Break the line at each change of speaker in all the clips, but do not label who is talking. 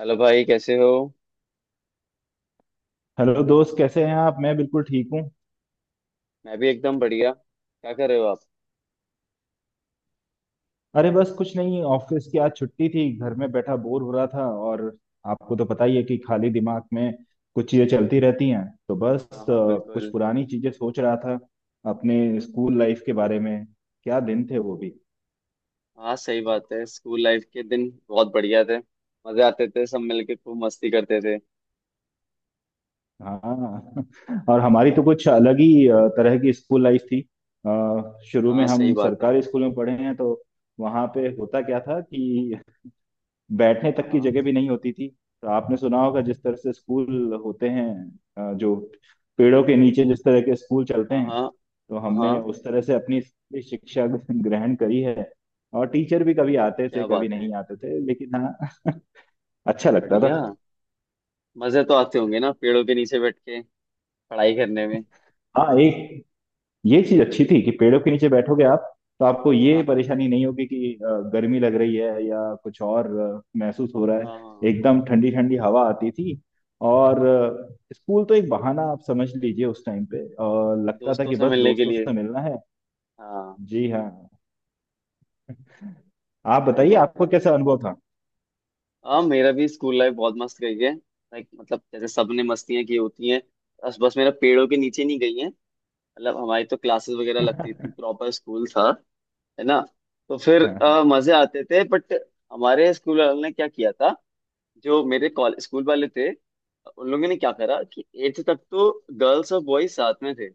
Hello भाई कैसे हो।
हेलो दोस्त, कैसे हैं आप? मैं बिल्कुल ठीक हूँ।
मैं भी एकदम बढ़िया, क्या कर रहे हो आप।
अरे बस कुछ नहीं, ऑफिस की आज छुट्टी थी, घर में बैठा बोर हो रहा था। और आपको तो पता ही है कि खाली दिमाग में कुछ चीजें चलती रहती हैं, तो बस
हाँ हाँ
कुछ
बिल्कुल।
पुरानी चीजें सोच रहा था, अपने स्कूल लाइफ के बारे में। क्या दिन थे वो भी।
हाँ सही बात है, स्कूल लाइफ के दिन बहुत बढ़िया थे। मजे आते थे, सब मिलके खूब मस्ती करते थे।
हाँ और हमारी तो कुछ अलग ही तरह की स्कूल लाइफ थी। शुरू में
हाँ सही
हम
बात है।
सरकारी स्कूल में पढ़े हैं, तो वहाँ पे होता क्या था कि बैठने
हाँ
तक की
हाँ।
जगह भी नहीं होती थी। तो आपने सुना होगा जिस तरह से स्कूल होते हैं, जो पेड़ों के नीचे जिस तरह के स्कूल चलते
हाँ
हैं,
हाँ।
तो
हाँ
हमने
हाँ।
उस तरह से अपनी स्कूली शिक्षा ग्रहण करी है। और टीचर भी कभी
अरे
आते थे
क्या बात
कभी
है।
नहीं आते थे, लेकिन हाँ अच्छा लगता था।
बढ़िया। मजे तो आते होंगे ना पेड़ों के नीचे बैठ के पढ़ाई करने में।
हाँ, एक ये चीज अच्छी थी कि पेड़ों के नीचे बैठोगे आप, तो आपको ये
हाँ हाँ।
परेशानी नहीं होगी कि गर्मी लग रही है या कुछ और महसूस हो रहा है।
हाँ हाँ।
एकदम ठंडी ठंडी हवा आती थी। और स्कूल तो एक बहाना, आप समझ लीजिए उस टाइम पे, और लगता था
दोस्तों
कि
से
बस
मिलने के
दोस्तों
लिए।
से मिलना है।
हाँ
जी हाँ। आप
सही
बताइए,
बात
आपको
है।
कैसा अनुभव था?
हाँ मेरा भी स्कूल लाइफ बहुत मस्त गई है, लाइक मतलब जैसे सबने मस्तियाँ की होती हैं। बस बस मेरा पेड़ों के नीचे नहीं गई है। मतलब हमारी तो क्लासेस वगैरह लगती थी, प्रॉपर स्कूल था, है ना। तो फिर मजे आते थे बट हमारे स्कूल वालों ने क्या किया था। जो मेरे कॉलेज स्कूल वाले थे, उन लोगों ने क्या करा कि एट्थ तक तो गर्ल्स और बॉयज साथ में थे।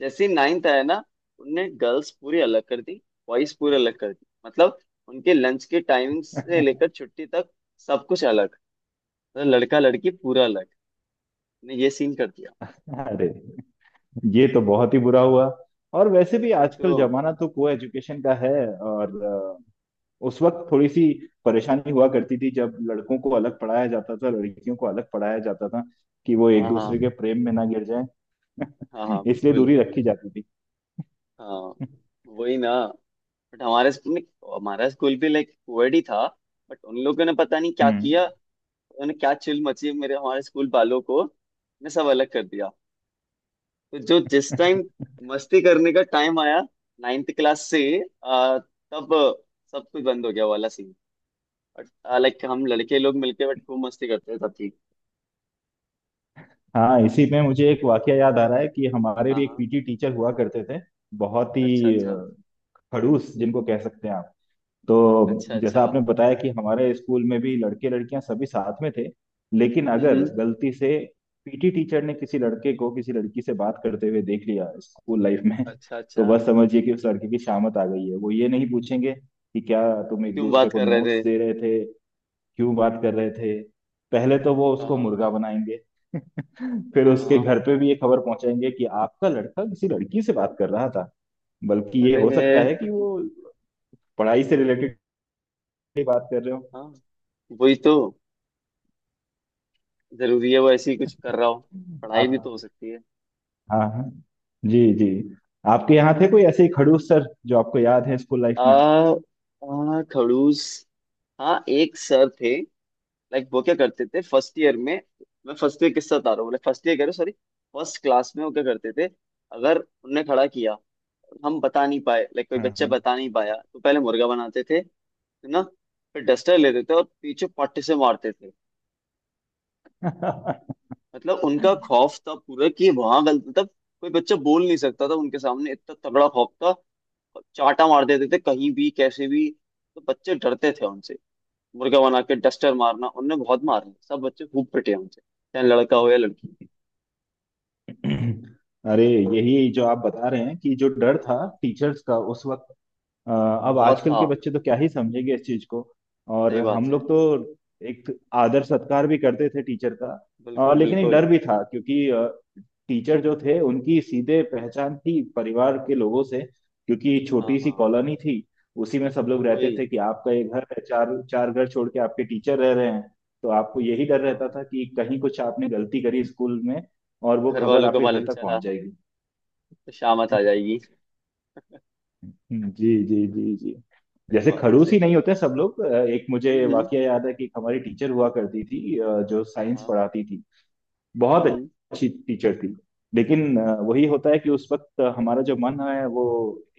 जैसे ही नाइन्थ आया ना, उनने गर्ल्स पूरी अलग कर दी, बॉयज पूरी अलग कर दी। मतलब उनके लंच के टाइमिंग से लेकर छुट्टी तक सब कुछ अलग। तो लड़का लड़की पूरा अलग ने ये सीन कर दिया।
अरे, ये तो बहुत ही बुरा हुआ। और वैसे भी
वही तो।
आजकल जमाना तो को एजुकेशन का है। और उस वक्त थोड़ी सी परेशानी हुआ करती थी जब लड़कों को अलग पढ़ाया जाता था, लड़कियों को अलग पढ़ाया जाता था, कि वो एक
हाँ
दूसरे
हाँ।
के प्रेम में ना गिर जाए।
हाँ हाँ
इसलिए
बिल्कुल।
दूरी रखी जाती थी।
हाँ वही ना। बट हमारे स्कूल में, हमारा स्कूल भी लाइक कोएड ही था, बट उन लोगों ने पता नहीं क्या
हम्म।
किया। उन्होंने क्या चिल मची, मेरे हमारे स्कूल वालों को ने सब अलग कर दिया। तो जो जिस टाइम मस्ती करने का टाइम आया, नाइन्थ क्लास से तब सब कुछ बंद हो गया वाला सीन। बट लाइक हम लड़के लोग मिलके बट खूब मस्ती करते थे तब की।
हाँ, इसी में मुझे एक वाकया याद आ रहा है कि हमारे
हाँ
भी एक
हाँ।
पीटी टीचर हुआ करते थे, बहुत
अच्छा
ही
अच्छा।
खड़ूस जिनको कह सकते हैं आप। तो
अच्छा
जैसा
अच्छा।
आपने बताया कि हमारे स्कूल में भी लड़के लड़कियां सभी साथ में थे, लेकिन
हम्म
अगर
हम्म।
गलती से पीटी टीचर ने किसी लड़के को किसी लड़की से बात करते हुए देख लिया स्कूल लाइफ में,
अच्छा
तो
अच्छा।
बस समझिए कि उस लड़के की शामत आ गई है। वो ये नहीं पूछेंगे कि क्या तुम एक
क्यों
दूसरे
बात
को
कर रहे थे।
नोट्स दे रहे थे, क्यों बात कर रहे थे। पहले तो वो
हाँ
उसको
हाँ।
मुर्गा बनाएंगे, फिर
हाँ
उसके
हाँ।
घर पे भी ये खबर पहुंचाएंगे कि आपका लड़का किसी लड़की से बात कर रहा था। बल्कि ये हो सकता
अरे
है कि वो पढ़ाई से रिलेटेड की बात कर रहे हो।
हाँ वही तो। जरूरी है वो ऐसे ही कुछ कर रहा हो, पढ़ाई
आप,
भी तो हो सकती है।
हाँ हाँ, जी जी। आपके यहाँ थे कोई ऐसे ही खड़ूस सर जो आपको याद है स्कूल लाइफ में?
आ, आ खड़ूस। हाँ एक सर थे, लाइक वो क्या करते थे फर्स्ट ईयर में। मैं फर्स्ट ईयर किससे बता रहा हूँ, फर्स्ट ईयर कह रहा हूँ, सॉरी। फर्स्ट क्लास में वो क्या करते थे। अगर उनने खड़ा किया, हम बता नहीं पाए, लाइक कोई बच्चा
हाँ
बता नहीं पाया, तो पहले मुर्गा बनाते थे, है ना। फिर डस्टर लेते थे और पीछे पट्टे से मारते थे।
हाँ।
मतलब उनका खौफ था पूरा कि वहां गलत मतलब कोई बच्चा बोल नहीं सकता था उनके सामने, इतना तगड़ा खौफ था। और चाटा मार देते थे कहीं भी कैसे भी, तो बच्चे डरते थे उनसे। मुर्गा बना के डस्टर मारना, उनने बहुत मारे, सब बच्चे खूब पिटे उनसे, चाहे लड़का हो या लड़की।
अरे, यही जो आप बता रहे हैं कि जो डर
हाँ
था
हाँ।
टीचर्स का उस वक्त, अब
बहुत
आजकल
था।
के बच्चे तो क्या ही समझेंगे इस चीज को। और
सही बात
हम
है।
लोग तो एक आदर सत्कार भी करते थे टीचर का,
बिल्कुल
लेकिन एक डर
बिल्कुल।
भी था, क्योंकि टीचर जो थे उनकी सीधे पहचान थी परिवार के लोगों से, क्योंकि
हाँ
छोटी सी
हाँ।
कॉलोनी थी। उसी में सब लोग रहते
वही।
थे कि आपका ये घर है, चार चार घर छोड़ के आपके टीचर रह रहे हैं। तो आपको यही डर रहता
हाँ
था कि कहीं कुछ आपने गलती करी स्कूल में और वो
घर
खबर
वालों के
आपके
बारे
घर
में
तक
चला
पहुंच जाएगी।
तो शामत आ जाएगी।
जी जी जी जी।
सही
जैसे
बात है
खड़ूस
सही
ही नहीं
बात
होते
है।
सब लोग। एक मुझे
हम्म हम्म,
वाकया याद है कि एक हमारी टीचर हुआ करती थी, जो
हाँ
साइंस
हाँ।
पढ़ाती थी, बहुत
हम्म हम्म।
अच्छी टीचर थी। लेकिन वही होता है कि उस वक्त हमारा जो मन है वो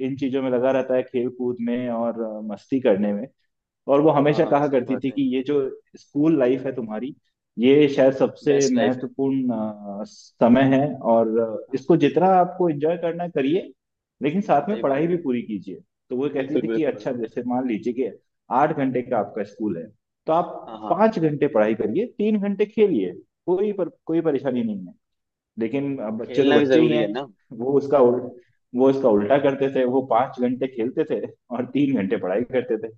इन चीजों में लगा रहता है, खेल कूद में और मस्ती करने में। और वो
हाँ
हमेशा
हाँ
कहा
सही
करती
बात
थी
है।
कि ये जो स्कूल लाइफ है तुम्हारी, ये शायद सबसे
बेस्ट लाइफ है
महत्वपूर्ण समय है, और
हाँ।
इसको जितना आपको एंजॉय करना है करिए, लेकिन साथ में
सही बात
पढ़ाई भी
है।
पूरी कीजिए। तो वो कहती
बिल्कुल
थी कि
बिल्कुल
अच्छा
बिल्कुल।
जैसे मान लीजिए कि आठ घंटे का आपका स्कूल है, तो आप
हाँ हाँ।
पाँच घंटे पढ़ाई करिए, तीन घंटे खेलिए, कोई पर कोई परेशानी नहीं है। लेकिन अब
और
बच्चे तो
खेलना भी
बच्चे ही
जरूरी
हैं,
है ना।
वो उसका
हम्म।
उल्ट, वो इसका उल्टा करते थे, वो पाँच घंटे खेलते थे और तीन घंटे पढ़ाई करते थे।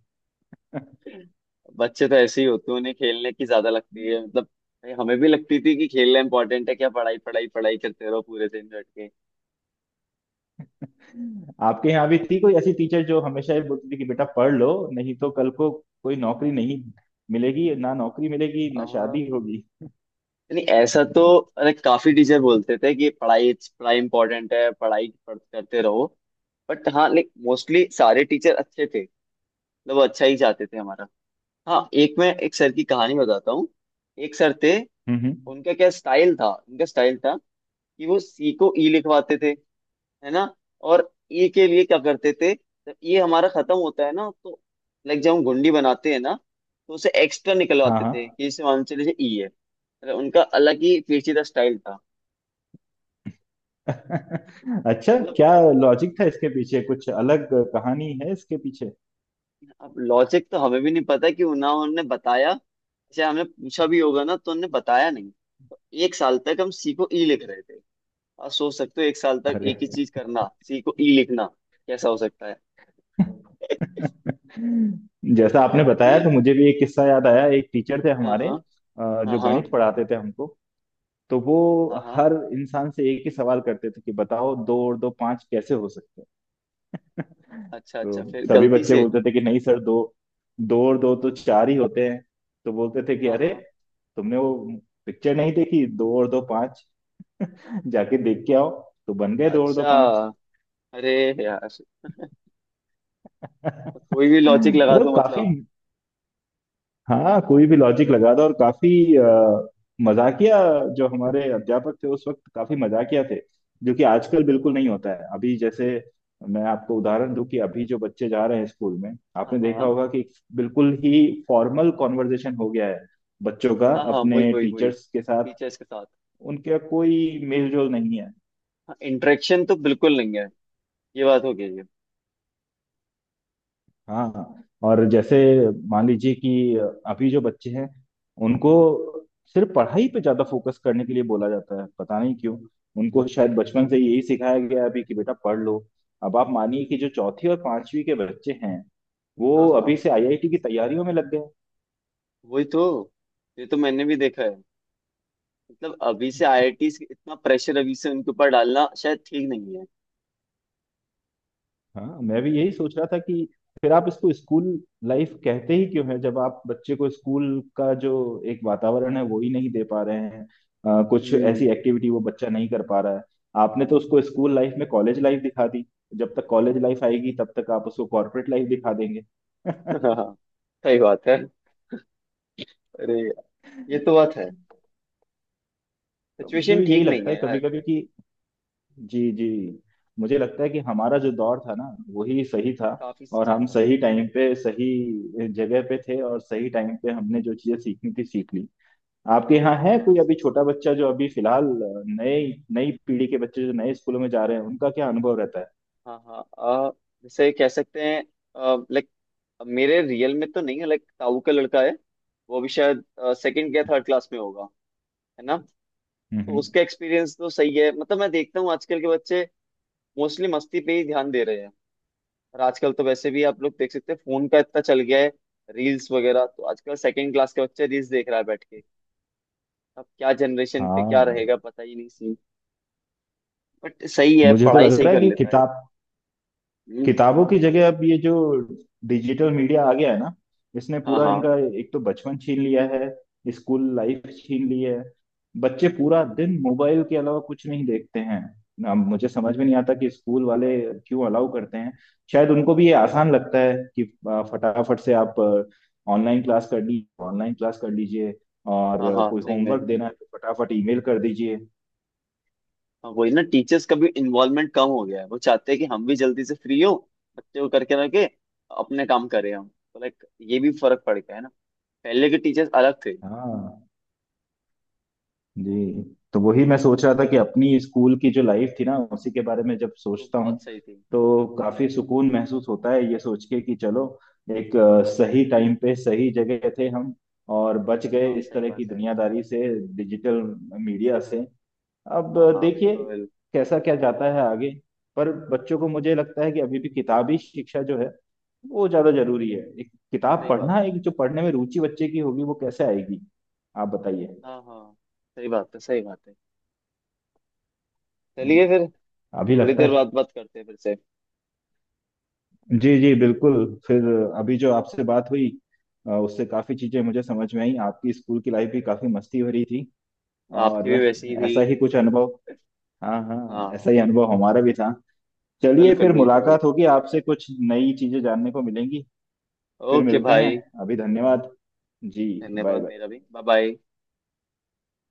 बच्चे तो ऐसे ही होते हैं, उन्हें खेलने की ज्यादा लगती है। मतलब भाई हमें भी लगती थी कि खेलना इंपॉर्टेंट है, क्या पढ़ाई पढ़ाई पढ़ाई करते रहो पूरे दिन बैठ के।
आपके यहाँ भी थी कोई ऐसी टीचर जो हमेशा ये बोलती थी कि बेटा पढ़ लो, नहीं तो कल को कोई नौकरी नहीं मिलेगी, ना नौकरी मिलेगी ना
हाँ
शादी होगी?
नहीं ऐसा तो अरे काफी टीचर बोलते थे कि पढ़ाई पढ़ाई इंपॉर्टेंट है, करते रहो। बट हाँ लाइक मोस्टली सारे टीचर अच्छे थे, मतलब वो अच्छा ही चाहते थे हमारा। हाँ एक, मैं एक सर की कहानी बताता हूँ। एक सर थे,
हम्म हम्म,
उनका क्या स्टाइल था। उनका स्टाइल था कि वो सी को ई लिखवाते थे, है ना। और ई के लिए क्या करते थे, जब ये हमारा खत्म होता है ना तो, लाइक जब हम गुंडी बनाते हैं ना, तो उसे एक्स्ट्रा
हाँ
निकलवाते
हाँ।
थे कि इसे मान चले ई है। मतलब उनका अलग ही पेचीदा स्टाइल था।
अच्छा,
मतलब
क्या लॉजिक था इसके पीछे? कुछ अलग कहानी है इसके पीछे।
अब लॉजिक तो हमें भी नहीं पता कि ना उन्होंने बताया, चाहे हमने पूछा भी होगा ना तो उन्होंने बताया नहीं। तो एक साल तक हम सी को ई लिख रहे थे। आप सोच सकते हो, एक साल तक
अरे।
एक ही चीज करना, सी को ई लिखना, कैसा हो सकता है।
जैसा आपने
जी।
बताया तो मुझे भी एक किस्सा याद आया। एक टीचर थे
हाँ।
हमारे,
हाँ
जो
हाँ।
गणित पढ़ाते थे हमको। तो वो
हाँ
हर इंसान से एक ही सवाल करते थे कि बताओ, दो और दो पांच कैसे हो सकते हैं?
अच्छा अच्छा
तो
फिर
सभी
गलती
बच्चे
से।
बोलते थे कि नहीं सर, दो दो और दो तो चार ही होते हैं। तो बोलते थे कि
हाँ
अरे
हाँ।
तुमने वो पिक्चर नहीं देखी, दो और दो पांच? जाके देख के आओ। तो बन गए दो और दो
अच्छा
पांच।
अरे यार, कोई भी लॉजिक लगा
मतलब
दो मतलब।
काफी, हाँ, कोई भी लॉजिक लगा दो। और काफी अ, मजाकिया जो हमारे अध्यापक थे उस वक्त, काफी मजाकिया थे, जो कि आजकल बिल्कुल
हाँ
नहीं
हाँ।
होता है। अभी जैसे मैं आपको उदाहरण दूं कि अभी जो बच्चे जा रहे हैं स्कूल में,
हाँ
आपने देखा
हाँ।
होगा कि बिल्कुल ही फॉर्मल कॉन्वर्जेशन हो गया है बच्चों का
हाँ हाँ वही
अपने
वही वही,
टीचर्स के साथ,
टीचर्स के साथ।
उनका कोई मेलजोल नहीं है।
हाँ इंटरेक्शन तो बिल्कुल नहीं है, ये बात हो गई है।
हाँ, और जैसे मान लीजिए कि अभी जो बच्चे हैं, उनको सिर्फ पढ़ाई पे ज्यादा फोकस करने के लिए बोला जाता है, पता नहीं क्यों। उनको शायद बचपन से यही सिखाया गया है अभी कि बेटा पढ़ लो। अब आप मानिए कि जो चौथी और पांचवी के बच्चे हैं,
हाँ
वो
हाँ
अभी से आईआईटी की तैयारियों में लग गए।
वही तो, ये तो मैंने भी देखा है। मतलब अभी से आईआईटी, इतना प्रेशर अभी से उनके ऊपर डालना शायद ठीक नहीं है।
हाँ, मैं भी यही सोच रहा था कि फिर आप इसको स्कूल लाइफ कहते ही क्यों है जब आप बच्चे को स्कूल का जो एक वातावरण है वो ही नहीं दे पा रहे हैं। कुछ
हम्म।
ऐसी एक्टिविटी वो बच्चा नहीं कर पा रहा है। आपने तो उसको स्कूल लाइफ में कॉलेज लाइफ दिखा दी, जब तक कॉलेज लाइफ आएगी तब तक आप उसको कॉर्पोरेट लाइफ दिखा देंगे।
हाँ हाँ सही बात है। अरे ये तो बात है,
तो मुझे
सिचुएशन
भी यही
ठीक नहीं
लगता है
है
कभी
यार।
कभी कि, जी जी, मुझे लगता है कि हमारा जो दौर था ना, वही सही था।
काफी
और
अच्छा
हम
था।
सही टाइम पे सही जगह पे थे, और सही टाइम पे हमने जो चीजें सीखनी थी सीख ली। आपके यहाँ
हाँ
है
हाँ
कोई अभी
सर।
छोटा बच्चा जो अभी फिलहाल, नए, नई पीढ़ी के बच्चे जो नए स्कूलों में जा रहे हैं, उनका क्या अनुभव रहता है?
हाँ हाँ जैसे कह सकते हैं, लाइक मेरे रियल में तो नहीं है, लाइक ताऊ का लड़का है। वो भी शायद सेकंड या थर्ड क्लास में होगा, है ना। तो
हम्म।
उसका एक्सपीरियंस तो सही है, मतलब मैं देखता हूँ आजकल के बच्चे मोस्टली मस्ती पे ही ध्यान दे रहे हैं। और आजकल तो वैसे भी आप लोग देख सकते हैं, फोन का इतना चल गया है, रील्स वगैरह, तो आजकल सेकंड क्लास के बच्चे रील्स देख रहा है बैठ के। अब क्या जनरेशन पे क्या
हाँ,
रहेगा पता ही नहीं सीन, बट सही है
मुझे तो
पढ़ाई
लग
सही
रहा है
कर
कि
लेता है।
किताब,
हम्म।
किताबों की जगह अब ये जो डिजिटल मीडिया आ गया है ना, इसने
हाँ
पूरा
हाँ।
इनका एक तो बचपन छीन लिया है, स्कूल लाइफ छीन ली है। बच्चे पूरा दिन मोबाइल के अलावा कुछ नहीं देखते हैं। ना, मुझे समझ में नहीं आता कि स्कूल वाले क्यों अलाउ करते हैं। शायद उनको भी ये आसान लगता है कि फटाफट से आप ऑनलाइन क्लास कर ली, ऑनलाइन क्लास कर लीजिए, और
हाँ हाँ
कोई
सही में।
होमवर्क देना है तो फटाफट ईमेल कर दीजिए।
हाँ, वही ना, टीचर्स का भी इन्वॉल्वमेंट कम हो गया है, वो चाहते हैं कि हम भी जल्दी से फ्री हो, बच्चे को करके रखे अपने काम करें हम। तो लाइक ये भी फर्क पड़ गया है ना, पहले के टीचर्स अलग थे,
हाँ, जी। तो वही मैं सोच रहा था कि अपनी स्कूल की जो लाइफ थी ना, उसी के बारे में जब
वो
सोचता हूँ
बहुत सही थे।
तो काफी सुकून महसूस होता है, ये सोच के कि चलो एक सही टाइम पे सही जगह थे हम, और बच गए
हाँ
इस
सही
तरह की
बात है।
दुनियादारी से, डिजिटल मीडिया से। अब
हाँ हाँ
देखिए
बिल्कुल।
कैसा क्या जाता है आगे। पर बच्चों को मुझे लगता है कि अभी भी किताबी शिक्षा जो है वो ज्यादा जरूरी है। एक किताब
सही बात
पढ़ना,
है।
एक जो पढ़ने में रुचि बच्चे की होगी वो कैसे आएगी? आप बताइए।
हाँ हाँ। सही बात है सही बात है। चलिए फिर
अभी
थोड़ी
लगता
देर
है,
बाद बात करते हैं फिर से।
जी जी बिल्कुल। फिर अभी जो आपसे बात हुई, उससे काफी चीजें मुझे समझ में आई। आपकी स्कूल की लाइफ भी काफी मस्ती भरी थी,
आपकी
और
भी वैसी ही हुई।
ऐसा ही कुछ अनुभव, हाँ हाँ,
हाँ
ऐसा ही अनुभव हमारा भी था। चलिए
बिल्कुल
फिर,
बिल्कुल।
मुलाकात होगी आपसे, कुछ नई चीजें जानने को मिलेंगी। फिर
ओके
मिलते हैं।
भाई,
अभी धन्यवाद। जी। बाय
धन्यवाद मेरा
बाय।
भी। Bye bye.